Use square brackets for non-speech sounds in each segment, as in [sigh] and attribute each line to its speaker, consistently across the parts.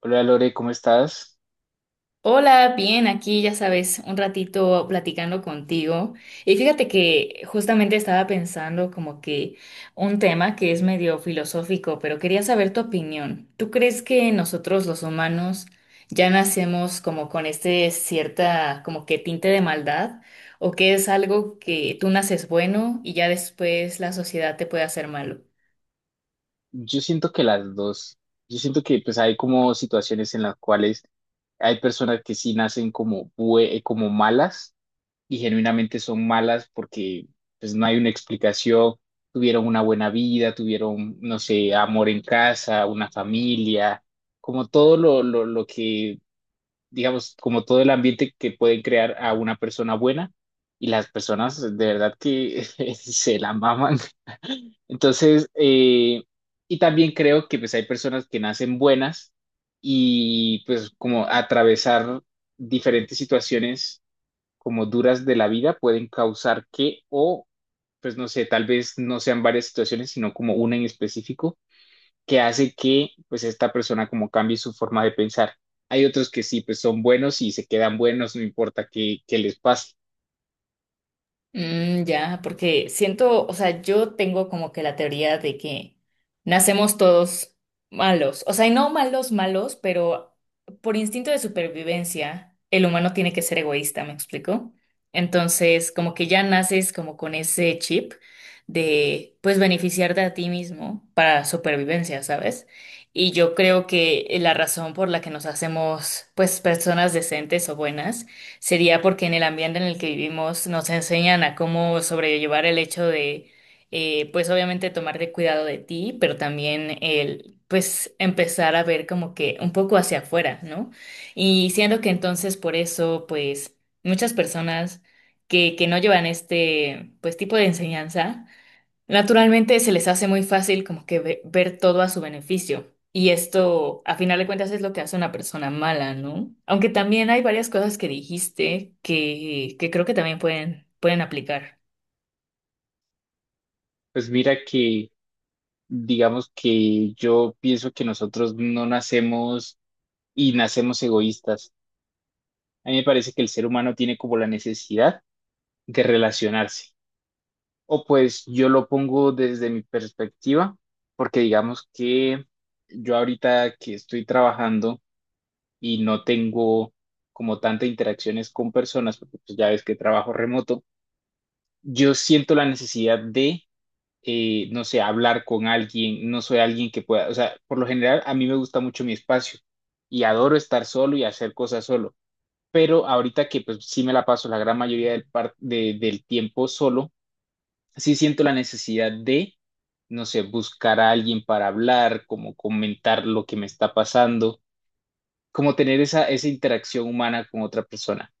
Speaker 1: Hola Lore, ¿cómo estás?
Speaker 2: Hola, bien, aquí ya sabes, un ratito platicando contigo. Y fíjate que justamente estaba pensando como que un tema que es medio filosófico, pero quería saber tu opinión. ¿Tú crees que nosotros los humanos ya nacemos como con este cierta como que tinte de maldad? ¿O que es algo que tú naces bueno y ya después la sociedad te puede hacer malo?
Speaker 1: Yo siento que las dos, yo siento que pues hay como situaciones en las cuales hay personas que sí nacen como, como malas y genuinamente son malas porque pues no hay una explicación, tuvieron una buena vida, tuvieron, no sé, amor en casa, una familia, como todo lo que digamos, como todo el ambiente que pueden crear a una persona buena y las personas de verdad que [laughs] se la maman. [laughs] Entonces, y también creo que pues hay personas que nacen buenas y pues como atravesar diferentes situaciones como duras de la vida pueden causar que o pues no sé, tal vez no sean varias situaciones, sino como una en específico, que hace que pues esta persona como cambie su forma de pensar. Hay otros que sí, pues son buenos y se quedan buenos, no importa qué, qué les pase.
Speaker 2: Ya, porque siento, o sea, yo tengo como que la teoría de que nacemos todos malos, o sea, y no malos, malos, pero por instinto de supervivencia, el humano tiene que ser egoísta, ¿me explico? Entonces, como que ya naces como con ese chip de, pues, beneficiarte a ti mismo para supervivencia, ¿sabes? Y yo creo que la razón por la que nos hacemos, pues, personas decentes o buenas sería porque en el ambiente en el que vivimos nos enseñan a cómo sobrellevar el hecho de, pues obviamente tomar de cuidado de ti, pero también el, pues empezar a ver como que un poco hacia afuera, ¿no? Y siendo que entonces por eso, pues muchas personas que no llevan este, pues tipo de enseñanza, naturalmente se les hace muy fácil como que ver todo a su beneficio. Y esto, a final de cuentas, es lo que hace una persona mala, ¿no? Aunque también hay varias cosas que dijiste que creo que también pueden, pueden aplicar.
Speaker 1: Pues mira que, digamos que yo pienso que nosotros no nacemos y nacemos egoístas. A mí me parece que el ser humano tiene como la necesidad de relacionarse. O pues yo lo pongo desde mi perspectiva, porque digamos que yo ahorita que estoy trabajando, y no tengo como tantas interacciones con personas, porque pues ya ves que trabajo remoto, yo siento la necesidad de, no sé, hablar con alguien, no soy alguien que pueda, o sea, por lo general a mí me gusta mucho mi espacio y adoro estar solo y hacer cosas solo, pero ahorita que pues sí me la paso la gran mayoría del tiempo solo, sí siento la necesidad de no sé, buscar a alguien para hablar, como comentar lo que me está pasando, como tener esa interacción humana con otra persona.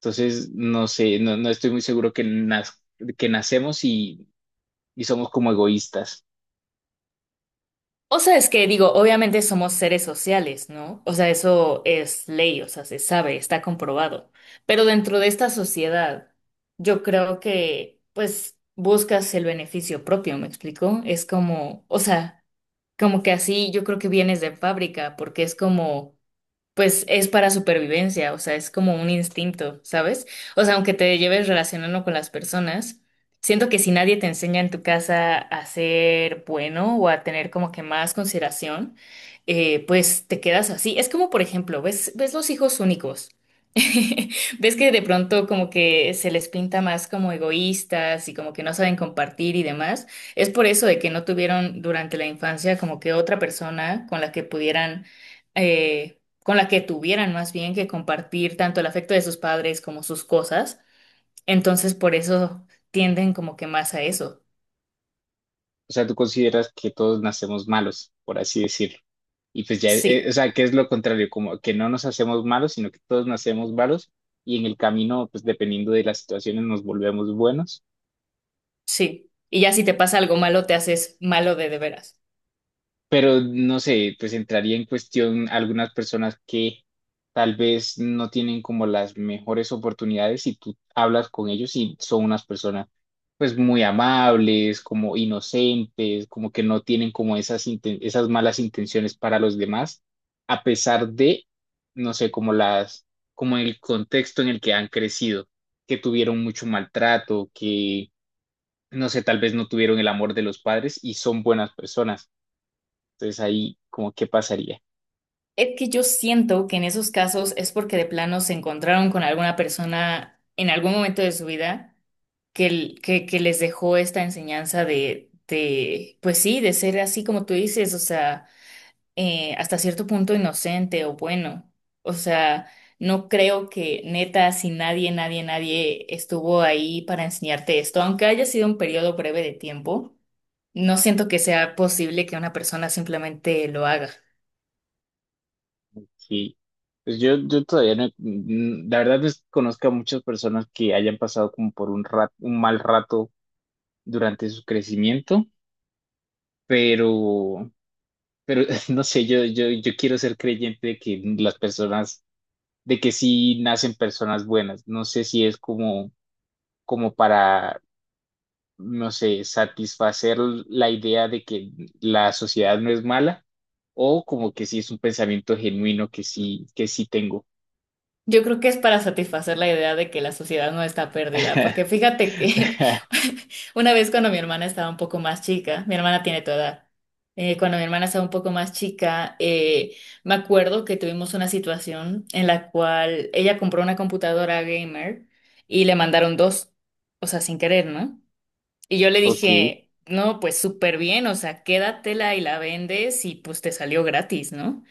Speaker 1: Entonces, no sé, no estoy muy seguro que, que nacemos y somos como egoístas.
Speaker 2: O sea, es que digo, obviamente somos seres sociales, ¿no? O sea, eso es ley, o sea, se sabe, está comprobado. Pero dentro de esta sociedad, yo creo que, pues, buscas el beneficio propio, ¿me explico? Es como, o sea... Como que así yo creo que vienes de fábrica, porque es como, pues es para supervivencia, o sea, es como un instinto, ¿sabes? O sea, aunque te lleves relacionando con las personas, siento que si nadie te enseña en tu casa a ser bueno o a tener como que más consideración, pues te quedas así. Es como, por ejemplo, ves los hijos únicos. [laughs] Ves que de pronto como que se les pinta más como egoístas y como que no saben compartir y demás. Es por eso de que no tuvieron durante la infancia como que otra persona con la que pudieran eh, con la que tuvieran más bien que compartir tanto el afecto de sus padres como sus cosas. Entonces, por eso tienden como que más a eso.
Speaker 1: O sea, tú consideras que todos nacemos malos, por así decirlo. Y pues ya, o
Speaker 2: Sí,
Speaker 1: sea, que es lo contrario, como que no nos hacemos malos, sino que todos nacemos malos y en el camino, pues dependiendo de las situaciones, nos volvemos buenos.
Speaker 2: sí. Y ya si te pasa algo malo, te haces malo de veras.
Speaker 1: Pero no sé, pues entraría en cuestión algunas personas que tal vez no tienen como las mejores oportunidades y tú hablas con ellos y son unas personas pues muy amables, como inocentes, como que no tienen como esas malas intenciones para los demás, a pesar de, no sé, como las, como el contexto en el que han crecido, que tuvieron mucho maltrato, que, no sé, tal vez no tuvieron el amor de los padres y son buenas personas entonces ahí, como, ¿qué pasaría?
Speaker 2: Es que yo siento que en esos casos es porque de plano se encontraron con alguna persona en algún momento de su vida que, que les dejó esta enseñanza de, pues sí, de ser así como tú dices, o sea, hasta cierto punto inocente o bueno. O sea, no creo que neta, si nadie, nadie, nadie estuvo ahí para enseñarte esto, aunque haya sido un periodo breve de tiempo, no siento que sea posible que una persona simplemente lo haga.
Speaker 1: Sí. Pues yo todavía no, la verdad desconozco conozco a muchas personas que hayan pasado como por un un mal rato durante su crecimiento, pero, pero [laughs] no sé, yo quiero ser creyente de que las personas, de que sí nacen personas buenas. No sé si es como, como para, no sé, satisfacer la idea de que la sociedad no es mala o como que sí es un pensamiento genuino que sí tengo.
Speaker 2: Yo creo que es para satisfacer la idea de que la sociedad no está perdida, porque fíjate que
Speaker 1: [laughs]
Speaker 2: [laughs] una vez cuando mi hermana estaba un poco más chica, mi hermana tiene tu edad, cuando mi hermana estaba un poco más chica, me acuerdo que tuvimos una situación en la cual ella compró una computadora gamer y le mandaron dos, o sea, sin querer, ¿no? Y yo le
Speaker 1: Ok,
Speaker 2: dije, no, pues súper bien, o sea, quédatela y la vendes y pues te salió gratis, ¿no?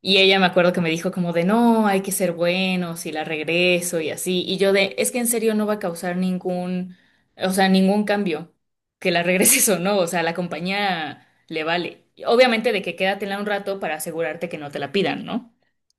Speaker 2: Y ella me acuerdo que me dijo como de no, hay que ser buenos y la regreso y así. Y yo de, es que en serio no va a causar ningún, o sea, ningún cambio que la regreses o no. O sea, a la compañía le vale. Y obviamente de que quédatela un rato para asegurarte que no te la pidan, ¿no?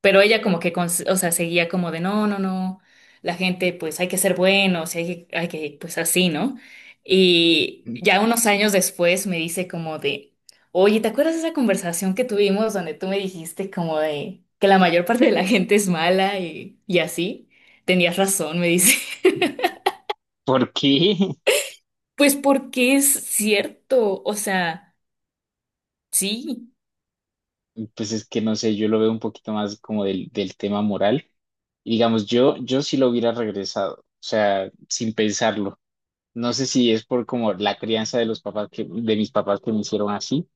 Speaker 2: Pero ella como que, o sea, seguía como de, no, no, no, la gente pues hay que ser buenos, hay que, pues así, ¿no? Y ya unos años después me dice como de, oye, ¿te acuerdas de esa conversación que tuvimos donde tú me dijiste como de que la mayor parte de la gente es mala y así? Tenías razón, me dice. [laughs]
Speaker 1: ¿por qué?
Speaker 2: Pues porque es cierto, o sea, sí,
Speaker 1: [laughs] Pues es que no sé, yo lo veo un poquito más como del tema moral. Y digamos, yo sí lo hubiera regresado, o sea, sin pensarlo. No sé si es por como la crianza de los papás que, de mis papás que me hicieron así,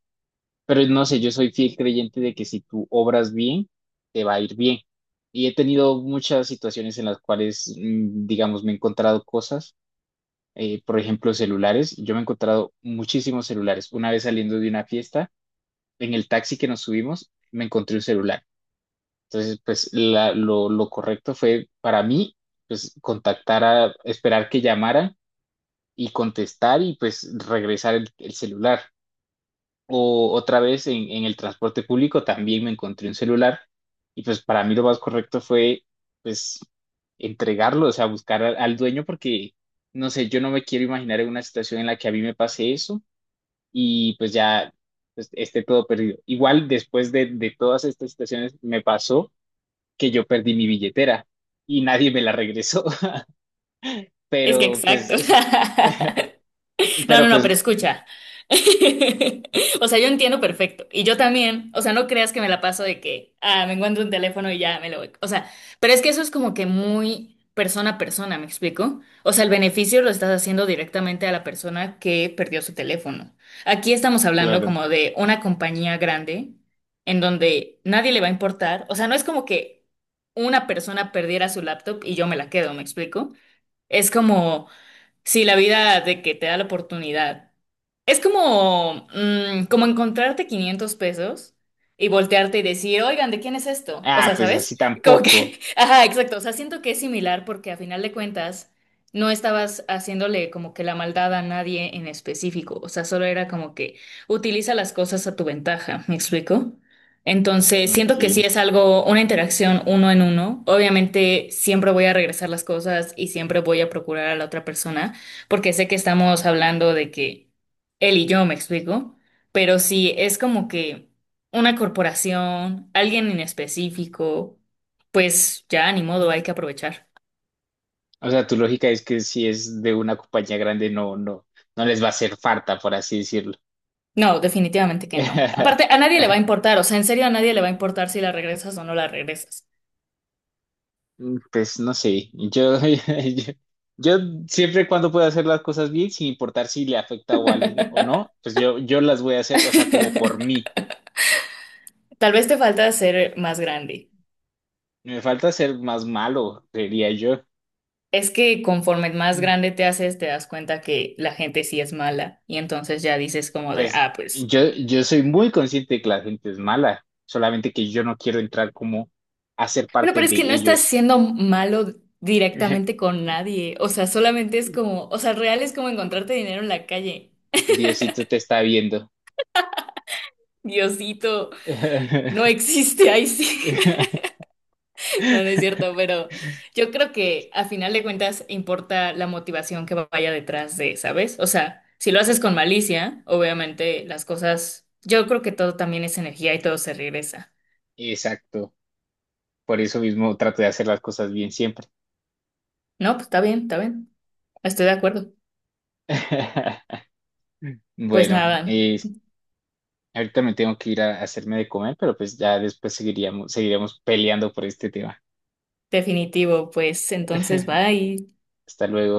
Speaker 1: pero no sé, yo soy fiel creyente de que si tú obras bien, te va a ir bien. Y he tenido muchas situaciones en las cuales, digamos, me he encontrado cosas. Eh, por ejemplo, celulares. Yo me he encontrado muchísimos celulares. Una vez saliendo de una fiesta, en el taxi que nos subimos, me encontré un celular. Entonces, pues lo correcto fue para mí, pues contactar a, esperar que llamaran y contestar y pues regresar el celular. O otra vez en el transporte público también me encontré un celular y pues para mí lo más correcto fue pues entregarlo, o sea, buscar al dueño porque, no sé, yo no me quiero imaginar en una situación en la que a mí me pase eso y pues ya pues, esté todo perdido. Igual después de todas estas situaciones me pasó que yo perdí mi billetera y nadie me la regresó, [laughs]
Speaker 2: es que
Speaker 1: pero
Speaker 2: exacto.
Speaker 1: pues,
Speaker 2: [laughs] No,
Speaker 1: pero
Speaker 2: no, no,
Speaker 1: pues,
Speaker 2: pero escucha. [laughs] O sea, yo entiendo perfecto. Y yo también. O sea, no creas que me la paso de que, ah, me encuentro un teléfono y ya me lo voy. O sea, pero es que eso es como que muy persona a persona, ¿me explico? O sea, el beneficio lo estás haciendo directamente a la persona que perdió su teléfono. Aquí estamos hablando
Speaker 1: claro.
Speaker 2: como de una compañía grande en donde nadie le va a importar. O sea, no es como que una persona perdiera su laptop y yo me la quedo, ¿me explico? Es como. Sí, la vida de que te da la oportunidad. Es como, como encontrarte 500 pesos y voltearte y decir, oigan, ¿de quién es esto? O
Speaker 1: Ah,
Speaker 2: sea,
Speaker 1: pues
Speaker 2: ¿sabes?
Speaker 1: así
Speaker 2: Como
Speaker 1: tampoco.
Speaker 2: que, [laughs] ajá, exacto. O sea, siento que es similar porque a final de cuentas no estabas haciéndole como que la maldad a nadie en específico. O sea, solo era como que utiliza las cosas a tu ventaja. ¿Me explico? Entonces, siento
Speaker 1: Ok.
Speaker 2: que sí es algo, una interacción uno en uno. Obviamente, siempre voy a regresar las cosas y siempre voy a procurar a la otra persona porque sé que estamos hablando de que él y yo me explico, pero si es como que una corporación, alguien en específico, pues ya ni modo, hay que aprovechar.
Speaker 1: O sea, tu lógica es que si es de una compañía grande, no les va a hacer falta, por así decirlo.
Speaker 2: No, definitivamente que no. Aparte, a
Speaker 1: [laughs]
Speaker 2: nadie le va a importar, o sea, en serio a nadie le va a importar si la regresas o no la regresas.
Speaker 1: Mm, pues no sé, yo, [laughs] yo, yo siempre cuando puedo hacer las cosas bien, sin importar si le afecta a alguien o no, pues yo las voy a hacer, o sea, como por mí.
Speaker 2: Tal vez te falta ser más grande.
Speaker 1: Me falta ser más malo, diría yo.
Speaker 2: Es que conforme más
Speaker 1: Mm,
Speaker 2: grande te haces, te das cuenta que la gente sí es mala y entonces ya dices como de,
Speaker 1: pues
Speaker 2: ah, pues...
Speaker 1: yo, yo soy muy consciente de que la gente es mala, solamente que yo no quiero entrar como a ser
Speaker 2: Bueno,
Speaker 1: parte
Speaker 2: pero es
Speaker 1: de
Speaker 2: que no estás
Speaker 1: ellos.
Speaker 2: siendo malo directamente
Speaker 1: [laughs]
Speaker 2: con nadie. O sea, solamente es como, o sea, real es como encontrarte dinero en la calle.
Speaker 1: Diosito te está viendo.
Speaker 2: Diosito, no
Speaker 1: [laughs]
Speaker 2: existe ahí sí. [laughs] No, no es cierto, pero yo creo que a final de cuentas importa la motivación que vaya detrás de, ¿sabes? O sea, si lo haces con malicia, obviamente las cosas, yo creo que todo también es energía y todo se regresa.
Speaker 1: Exacto. Por eso mismo trato de hacer las cosas bien siempre.
Speaker 2: No, pues está bien, está bien. Estoy de acuerdo.
Speaker 1: [laughs]
Speaker 2: Pues
Speaker 1: Bueno,
Speaker 2: nada,
Speaker 1: ahorita me tengo que ir a hacerme de comer, pero pues ya después seguiremos peleando por este tema.
Speaker 2: definitivo, pues entonces
Speaker 1: [laughs]
Speaker 2: bye.
Speaker 1: Hasta luego.